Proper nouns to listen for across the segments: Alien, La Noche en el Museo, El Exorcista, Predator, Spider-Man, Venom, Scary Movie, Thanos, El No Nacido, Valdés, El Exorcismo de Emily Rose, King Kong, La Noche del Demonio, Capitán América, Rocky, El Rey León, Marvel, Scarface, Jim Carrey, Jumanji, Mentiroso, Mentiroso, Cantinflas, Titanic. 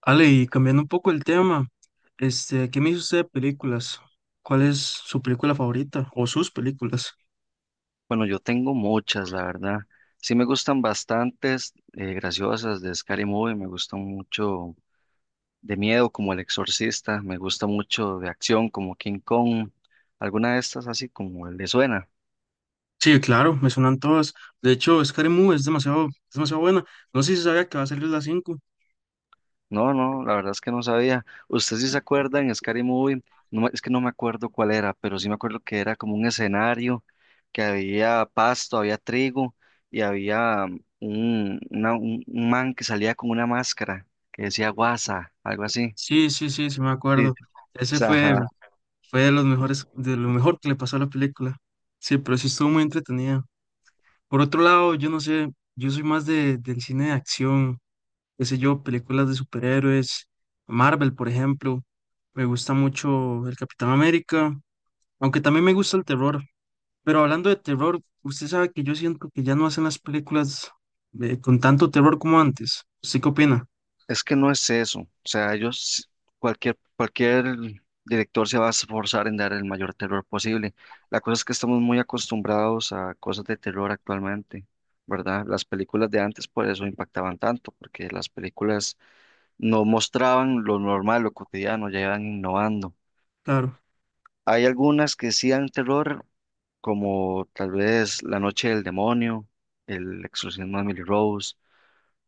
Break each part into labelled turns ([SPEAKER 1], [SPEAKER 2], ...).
[SPEAKER 1] Ale, y cambiando un poco el tema, ¿qué me dice usted de películas? ¿Cuál es su película favorita o sus películas?
[SPEAKER 2] Bueno, yo tengo muchas, la verdad. Sí me gustan bastantes graciosas de Scary Movie, me gustan mucho de miedo como El Exorcista, me gusta mucho de acción como King Kong, alguna de estas así como le suena.
[SPEAKER 1] Sí, claro, me suenan todas. De hecho, Scary Movie es demasiado buena. No sé si sabía que va a salir la 5.
[SPEAKER 2] No, no, la verdad es que no sabía. ¿Usted sí se acuerda en Scary Movie? No, es que no me acuerdo cuál era, pero sí me acuerdo que era como un escenario, que había pasto, había trigo y había un, una- un man que salía con una máscara que decía guasa, algo así.
[SPEAKER 1] Sí, sí, sí, sí me
[SPEAKER 2] Sí,
[SPEAKER 1] acuerdo. Ese
[SPEAKER 2] sí.
[SPEAKER 1] fue,
[SPEAKER 2] Ajá,
[SPEAKER 1] fue de los mejores, de lo mejor que le pasó a la película. Sí, pero sí estuvo muy entretenida. Por otro lado, yo no sé, yo soy más de, del cine de acción. Qué sé yo, películas de superhéroes, Marvel, por ejemplo. Me gusta mucho el Capitán América, aunque también me gusta el terror. Pero hablando de terror, usted sabe que yo siento que ya no hacen las películas con tanto terror como antes. ¿Usted qué opina?
[SPEAKER 2] es que no es eso. O sea, ellos, cualquier director se va a esforzar en dar el mayor terror posible. La cosa es que estamos muy acostumbrados a cosas de terror actualmente, ¿verdad? Las películas de antes por eso impactaban tanto, porque las películas no mostraban lo normal, lo cotidiano, ya iban innovando.
[SPEAKER 1] Claro,
[SPEAKER 2] Hay algunas que sí dan terror, como tal vez La Noche del Demonio, El Exorcismo de Emily Rose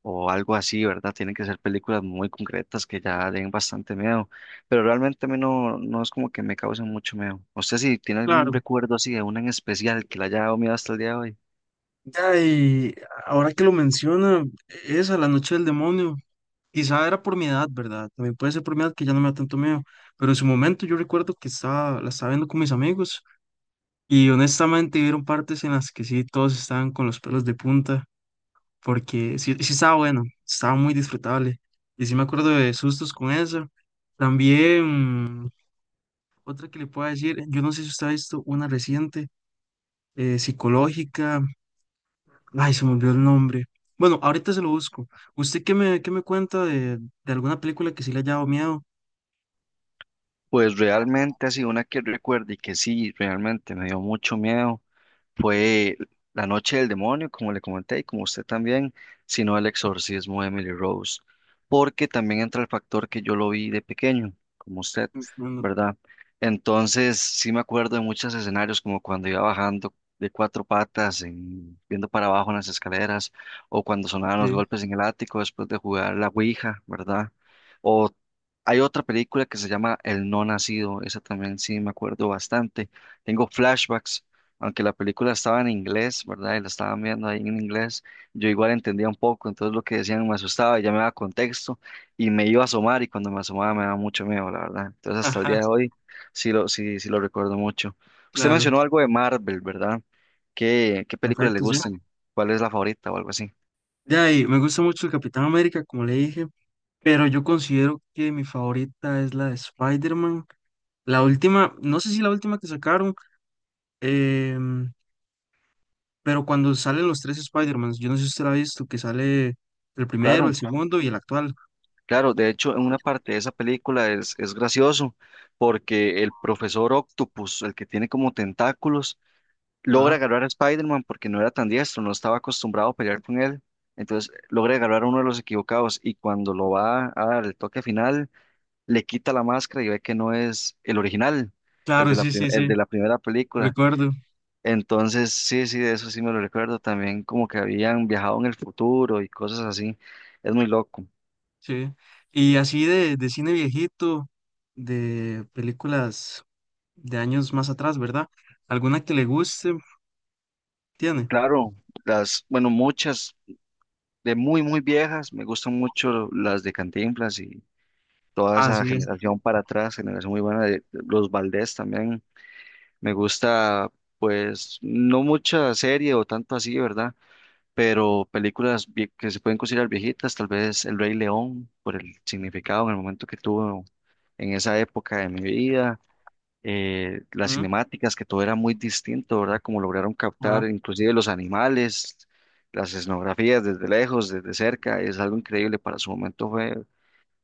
[SPEAKER 2] o algo así, ¿verdad? Tienen que ser películas muy concretas que ya den bastante miedo, pero realmente a mí no, no es como que me causen mucho miedo. ¿Usted si tiene algún
[SPEAKER 1] claro.
[SPEAKER 2] recuerdo así de una en especial que le haya dado miedo hasta el día de hoy?
[SPEAKER 1] Ya, y ahora que lo menciona, esa, La Noche del Demonio, quizá era por mi edad, ¿verdad? También puede ser por mi edad que ya no me da tanto miedo, pero en su momento yo recuerdo que la estaba viendo con mis amigos. Y honestamente hubieron partes en las que sí, todos estaban con los pelos de punta, porque sí, sí estaba bueno, estaba muy disfrutable. Y sí me acuerdo de sustos con eso. También, otra que le puedo decir, yo no sé si usted ha visto una reciente, psicológica, ay, se me olvidó el nombre. Bueno, ahorita se lo busco. ¿Usted qué me cuenta de alguna película que sí le haya dado miedo?
[SPEAKER 2] Pues realmente así, una que recuerde y que sí, realmente me dio mucho miedo. Fue La Noche del Demonio, como le comenté, y como usted también, sino El Exorcismo de Emily Rose, porque también entra el factor que yo lo vi de pequeño, como usted,
[SPEAKER 1] Entiendo.
[SPEAKER 2] ¿verdad? Entonces, sí me acuerdo de muchos escenarios, como cuando iba bajando de cuatro patas, viendo para abajo en las escaleras, o cuando sonaban los
[SPEAKER 1] Sí,
[SPEAKER 2] golpes en el ático después de jugar la Ouija, ¿verdad? O hay otra película que se llama El No Nacido, esa también sí me acuerdo bastante. Tengo flashbacks aunque la película estaba en inglés, ¿verdad? Y la estaban viendo ahí en inglés, yo igual entendía un poco, entonces lo que decían me asustaba, ya me daba contexto y me iba a asomar y cuando me asomaba me daba mucho miedo, la verdad. Entonces hasta el
[SPEAKER 1] ajá,
[SPEAKER 2] día de hoy sí lo recuerdo mucho. Usted
[SPEAKER 1] claro,
[SPEAKER 2] mencionó algo de Marvel, ¿verdad? ¿Qué películas le
[SPEAKER 1] perfecto, sí.
[SPEAKER 2] gustan? ¿Cuál es la favorita o algo así?
[SPEAKER 1] Ya, y me gusta mucho el Capitán América, como le dije. Pero yo considero que mi favorita es la de Spider-Man. La última, no sé si la última que sacaron, em, pero cuando salen los tres Spider-Mans, yo no sé si usted la ha visto, que sale el primero, el
[SPEAKER 2] Claro,
[SPEAKER 1] segundo y el actual.
[SPEAKER 2] claro, de hecho en una parte de esa película es gracioso porque el profesor Octopus, el que tiene como tentáculos, logra
[SPEAKER 1] Ah,
[SPEAKER 2] agarrar a Spider-Man porque no era tan diestro, no estaba acostumbrado a pelear con él. Entonces logra agarrar a uno de los equivocados y cuando lo va a dar el toque final, le quita la máscara y ve que no es el original, el
[SPEAKER 1] claro,
[SPEAKER 2] de la,
[SPEAKER 1] sí,
[SPEAKER 2] prim-
[SPEAKER 1] sí,
[SPEAKER 2] el
[SPEAKER 1] sí,
[SPEAKER 2] de la primera película.
[SPEAKER 1] recuerdo,
[SPEAKER 2] Entonces, sí, sí, de eso sí me lo recuerdo también, como que habían viajado en el futuro y cosas así. Es muy loco.
[SPEAKER 1] sí. Y así de cine viejito, de películas de años más atrás, ¿verdad? ¿Alguna que le guste? ¿Tiene?
[SPEAKER 2] Claro, las, bueno, muchas de muy viejas, me gustan mucho las de Cantinflas toda esa
[SPEAKER 1] Así es.
[SPEAKER 2] generación para atrás, generación muy buena de los Valdés también. Me gusta, pues, no mucha serie o tanto así, ¿verdad? Pero películas que se pueden considerar viejitas, tal vez El Rey León, por el significado en el momento que tuvo en esa época de mi vida. Las
[SPEAKER 1] Ujú.
[SPEAKER 2] cinemáticas, que todo era muy distinto, ¿verdad? Como lograron
[SPEAKER 1] Ah,
[SPEAKER 2] captar inclusive los animales, las escenografías desde lejos, desde cerca, es algo increíble para su momento, fue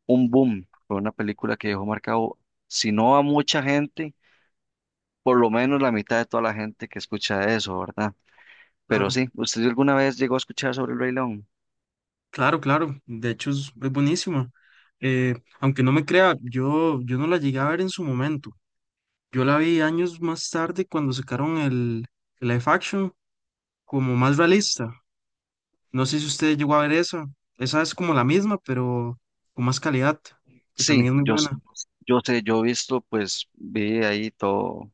[SPEAKER 2] un boom. Fue una película que dejó marcado, si no a mucha gente, por lo menos la mitad de toda la gente que escucha eso, ¿verdad? Pero
[SPEAKER 1] claro.
[SPEAKER 2] sí, ¿usted alguna vez llegó a escuchar sobre el Rey León?
[SPEAKER 1] Claro, claro, de hecho es buenísima. Eh, aunque no me crea, yo no la llegué a ver en su momento. Yo la vi años más tarde cuando sacaron el live action como más realista. No sé si usted llegó a ver esa. Esa es como la misma, pero con más calidad, que también
[SPEAKER 2] Sí,
[SPEAKER 1] es muy
[SPEAKER 2] yo, s-
[SPEAKER 1] buena.
[SPEAKER 2] yo sé, yo he visto, pues vi ahí todo,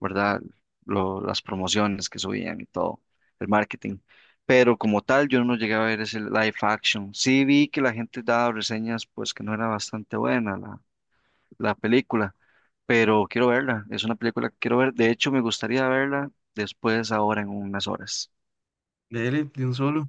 [SPEAKER 2] ¿verdad? Las promociones que subían y todo, el marketing. Pero como tal, yo no llegué a ver ese live action. Sí vi que la gente daba reseñas, pues que no era bastante buena la película, pero quiero verla, es una película que quiero ver, de hecho me gustaría verla después ahora en unas horas.
[SPEAKER 1] De él, de un solo.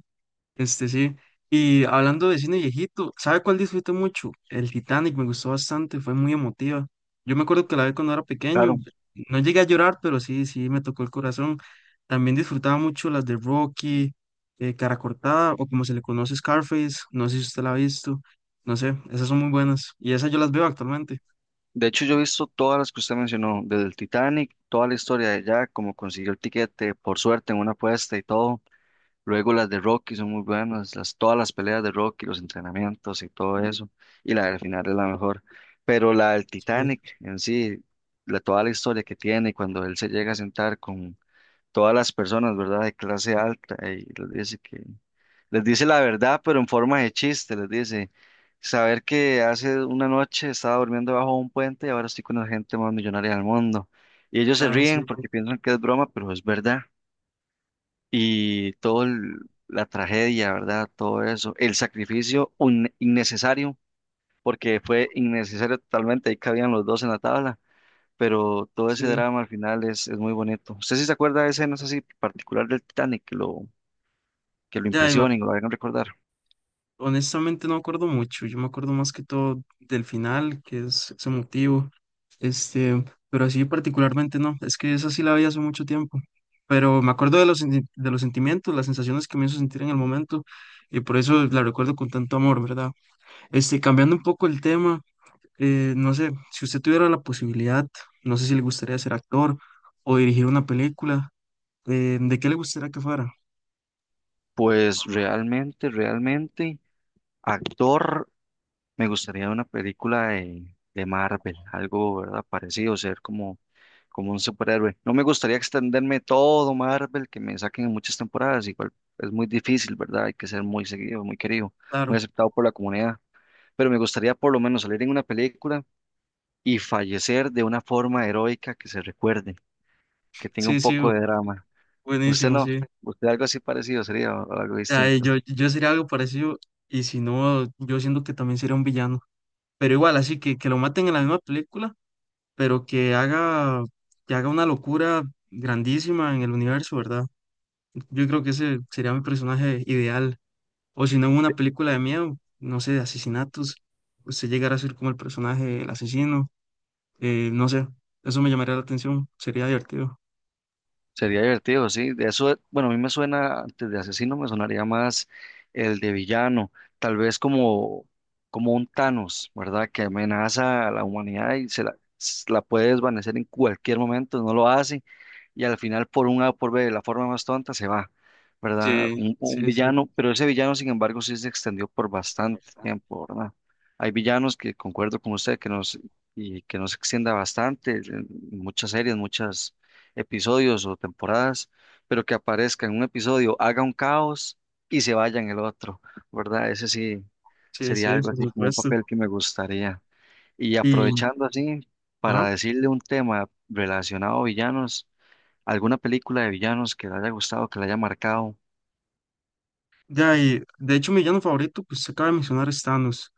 [SPEAKER 1] Este sí. Y hablando de cine viejito, ¿sabe cuál disfruté mucho? El Titanic me gustó bastante, fue muy emotiva. Yo me acuerdo que la vi cuando era pequeño,
[SPEAKER 2] Claro,
[SPEAKER 1] no llegué a llorar, pero sí, sí, me tocó el corazón. También disfrutaba mucho las de Rocky, Cara Cortada, o como se le conoce Scarface, no sé si usted la ha visto, no sé, esas son muy buenas. Y esas yo las veo actualmente.
[SPEAKER 2] de hecho yo he visto todas las que usted mencionó, desde el Titanic, toda la historia de Jack, como consiguió el tiquete, por suerte en una apuesta y todo, luego las de Rocky son muy buenas, las, todas las peleas de Rocky, los entrenamientos y todo eso, y la del final es la mejor, pero la del
[SPEAKER 1] Sí,
[SPEAKER 2] Titanic en sí, la, toda la historia que tiene cuando él se llega a sentar con todas las personas, ¿verdad? De clase alta, y les dice que, les dice la verdad, pero en forma de chiste, les dice, saber que hace una noche estaba durmiendo bajo un puente y ahora estoy con la gente más millonaria del mundo. Y ellos se
[SPEAKER 1] claro, sí,
[SPEAKER 2] ríen porque piensan que es broma, pero es verdad. Y todo la tragedia, ¿verdad? Todo eso, el sacrificio innecesario, porque fue innecesario totalmente, ahí cabían los dos en la tabla pero todo ese
[SPEAKER 1] sí.
[SPEAKER 2] drama al final es muy bonito. ¿Usted sí se acuerda de escenas así particular del Titanic que lo
[SPEAKER 1] Ya, y me
[SPEAKER 2] impresionen o lo hagan recordar?
[SPEAKER 1] honestamente no me acuerdo mucho, yo me acuerdo más que todo del final, que es, ese motivo, este, pero así particularmente no, es que esa sí la vi hace mucho tiempo, pero me acuerdo de de los sentimientos, las sensaciones que me hizo sentir en el momento, y por eso la recuerdo con tanto amor, ¿verdad? Este, cambiando un poco el tema, no sé, si usted tuviera la posibilidad, no sé si le gustaría ser actor o dirigir una película, ¿de qué le gustaría que fuera?
[SPEAKER 2] Pues realmente, actor, me gustaría una película de Marvel, algo, ¿verdad? Parecido, ser como, como un superhéroe. No me gustaría extenderme todo Marvel, que me saquen en muchas temporadas, igual es muy difícil, ¿verdad? Hay que ser muy seguido, muy querido, muy
[SPEAKER 1] Claro,
[SPEAKER 2] aceptado por la comunidad. Pero me gustaría por lo menos salir en una película y fallecer de una forma heroica que se recuerde, que tenga un
[SPEAKER 1] sí, sí,
[SPEAKER 2] poco de drama. Usted
[SPEAKER 1] buenísimo,
[SPEAKER 2] no,
[SPEAKER 1] sí.
[SPEAKER 2] Usted algo así parecido sería o algo
[SPEAKER 1] Ay,
[SPEAKER 2] distinto.
[SPEAKER 1] yo sería algo parecido y si no, yo siento que también sería un villano. Pero igual, así que lo maten en la misma película, pero que haga una locura grandísima en el universo, ¿verdad? Yo creo que ese sería mi personaje ideal. O si no, en una película de miedo, no sé, de asesinatos, usted llegara a ser como el personaje, el asesino, no sé, eso me llamaría la atención, sería divertido.
[SPEAKER 2] Sería divertido, sí. De eso, bueno, a mí me suena, antes de asesino, me sonaría más el de villano, tal vez como, como un Thanos, ¿verdad? Que amenaza a la humanidad y se la puede desvanecer en cualquier momento, no lo hace, y al final por un A o por B, de la forma más tonta, se va, ¿verdad?
[SPEAKER 1] Sí,
[SPEAKER 2] Un
[SPEAKER 1] sí, sí.
[SPEAKER 2] villano, pero ese villano, sin embargo, sí se extendió por bastante tiempo, ¿verdad? Hay villanos que concuerdo con usted que nos, y que nos extienda bastante, en muchas series, muchas episodios o temporadas, pero que aparezca en un episodio, haga un caos y se vaya en el otro, ¿verdad? Ese sí
[SPEAKER 1] Sí,
[SPEAKER 2] sería
[SPEAKER 1] sí,
[SPEAKER 2] algo
[SPEAKER 1] por
[SPEAKER 2] así como un
[SPEAKER 1] supuesto.
[SPEAKER 2] papel que me gustaría. Y
[SPEAKER 1] Y,
[SPEAKER 2] aprovechando así para
[SPEAKER 1] ajá.
[SPEAKER 2] decirle un tema relacionado a villanos, alguna película de villanos que le haya gustado, que le haya marcado.
[SPEAKER 1] Ya, y de hecho mi villano favorito, pues se acaba de mencionar es Thanos.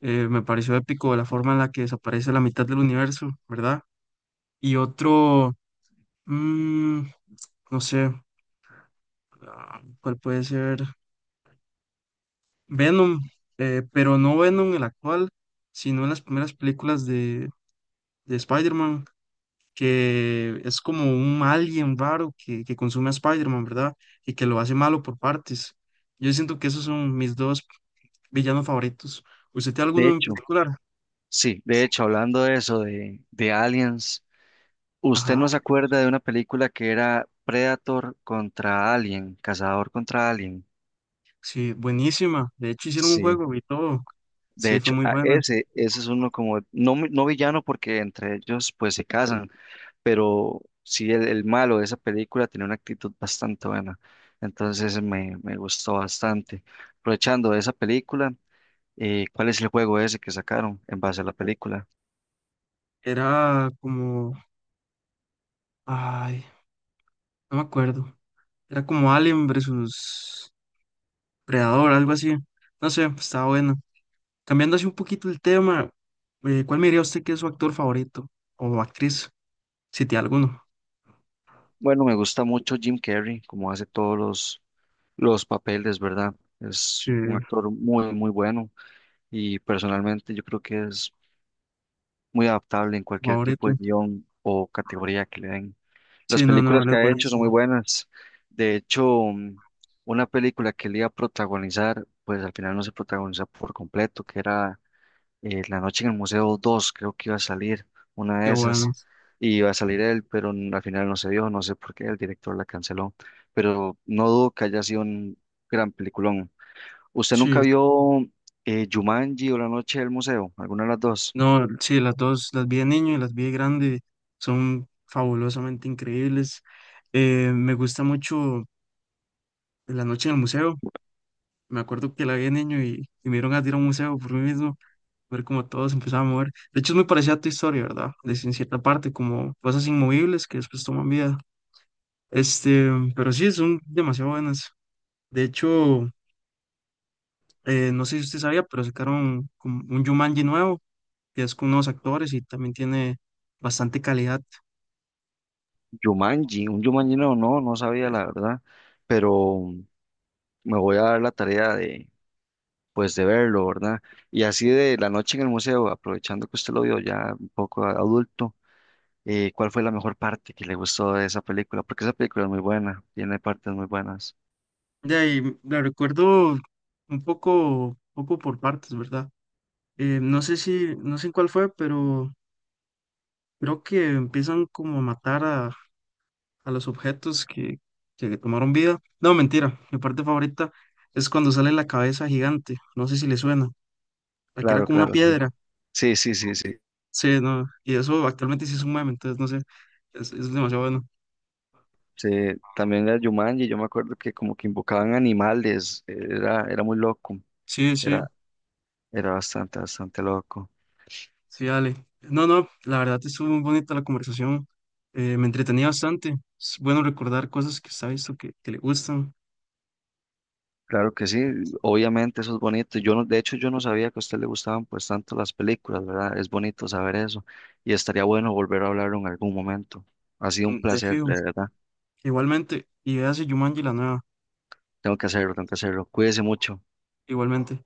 [SPEAKER 1] Me pareció épico la forma en la que desaparece la mitad del universo, ¿verdad? Y otro, mm, no sé, ah, ¿cuál puede ser? Venom, pero no Venom el actual, sino en las primeras películas de Spider-Man, que es como un alien raro que consume a Spider-Man, ¿verdad? Y que lo hace malo por partes. Yo siento que esos son mis dos villanos favoritos. ¿Usted tiene
[SPEAKER 2] De
[SPEAKER 1] alguno en
[SPEAKER 2] hecho,
[SPEAKER 1] particular?
[SPEAKER 2] sí, de hecho, hablando de eso, de aliens, ¿usted
[SPEAKER 1] Ajá.
[SPEAKER 2] no se acuerda de una película que era Predator contra Alien, Cazador contra Alien?
[SPEAKER 1] Sí, buenísima. De hecho, hicieron un
[SPEAKER 2] Sí.
[SPEAKER 1] juego y todo.
[SPEAKER 2] De
[SPEAKER 1] Sí, fue
[SPEAKER 2] hecho,
[SPEAKER 1] muy
[SPEAKER 2] a
[SPEAKER 1] buena.
[SPEAKER 2] ese es uno como, no, no villano porque entre ellos pues se casan, pero sí el malo de esa película tenía una actitud bastante buena, entonces me gustó bastante. Aprovechando de esa película, ¿cuál es el juego ese que sacaron en base a la película?
[SPEAKER 1] Era como, ay, no me acuerdo. Era como Alien versus Predador, algo así. No sé, estaba bueno. Cambiando así un poquito el tema, ¿cuál me diría usted que es su actor favorito o actriz, si tiene alguno?
[SPEAKER 2] Bueno, me gusta mucho Jim Carrey, como hace todos los papeles, ¿verdad? Es
[SPEAKER 1] Sí,
[SPEAKER 2] un actor muy bueno y personalmente yo creo que es muy adaptable en cualquier tipo de
[SPEAKER 1] favorito.
[SPEAKER 2] guión o categoría que le den. Las
[SPEAKER 1] Sí, no, no,
[SPEAKER 2] películas
[SPEAKER 1] él es
[SPEAKER 2] que ha hecho son muy
[SPEAKER 1] buenísima.
[SPEAKER 2] buenas. De hecho, una película que él iba a protagonizar, pues al final no se protagonizó por completo, que era La Noche en el Museo 2 creo que iba a salir una
[SPEAKER 1] Qué
[SPEAKER 2] de
[SPEAKER 1] bueno.
[SPEAKER 2] esas, y iba a salir él, pero al final no se dio, no sé por qué, el director la canceló, pero no dudo que haya sido un gran peliculón. ¿Usted nunca
[SPEAKER 1] Sí,
[SPEAKER 2] vio Jumanji o La Noche del Museo? ¿Alguna de las dos?
[SPEAKER 1] no, sí, las dos, las vi de niño y las vi de grande, son fabulosamente increíbles. Me gusta mucho en la noche en el museo. Me acuerdo que la vi de niño y me dieron a ir a un museo por mí mismo, ver cómo todo se empezaba a mover. De hecho, es muy parecida a tu historia, ¿verdad? De si en cierta parte, como cosas inmovibles que después toman vida. Este, pero sí, son demasiado buenas. De hecho, no sé si usted sabía, pero sacaron como un Jumanji nuevo, que es con nuevos actores y también tiene bastante calidad.
[SPEAKER 2] Jumanji, un Jumanji no, No, no sabía la verdad, pero... me voy a dar la tarea de, pues, de verlo, ¿verdad? Y así de la noche en el museo, aprovechando que usted lo vio ya un poco adulto, ¿cuál fue la mejor parte que le gustó de esa película? Porque esa película es muy buena, tiene partes muy buenas.
[SPEAKER 1] De ahí, la recuerdo un poco, poco por partes, ¿verdad? No sé si, no sé en cuál fue, pero creo que empiezan como a matar a los objetos que tomaron vida. No, mentira. Mi parte favorita es cuando sale la cabeza gigante. No sé si le suena. La que era
[SPEAKER 2] Claro,
[SPEAKER 1] como una
[SPEAKER 2] claro, sí.
[SPEAKER 1] piedra.
[SPEAKER 2] Sí, sí, sí, sí.
[SPEAKER 1] Sí, no. Y eso actualmente sí es un meme, entonces no sé. Es demasiado bueno.
[SPEAKER 2] Sí, también la Jumanji, yo me acuerdo que como que invocaban animales, era muy loco,
[SPEAKER 1] Sí, sí.
[SPEAKER 2] era, era bastante loco.
[SPEAKER 1] Sí, dale. No, no. La verdad estuvo muy bonita la conversación. Me entretenía bastante. Es bueno recordar cosas que está visto que le gustan.
[SPEAKER 2] Claro que sí, obviamente eso es bonito. Yo no, de hecho, yo no sabía que a usted le gustaban pues tanto las películas, ¿verdad? Es bonito saber eso y estaría bueno volver a hablarlo en algún momento. Ha sido un
[SPEAKER 1] Mm, de
[SPEAKER 2] placer,
[SPEAKER 1] fijo.
[SPEAKER 2] de verdad.
[SPEAKER 1] Igualmente. Y véase Jumanji la nueva.
[SPEAKER 2] Tengo que hacerlo, tengo que hacerlo. Cuídese mucho.
[SPEAKER 1] Igualmente.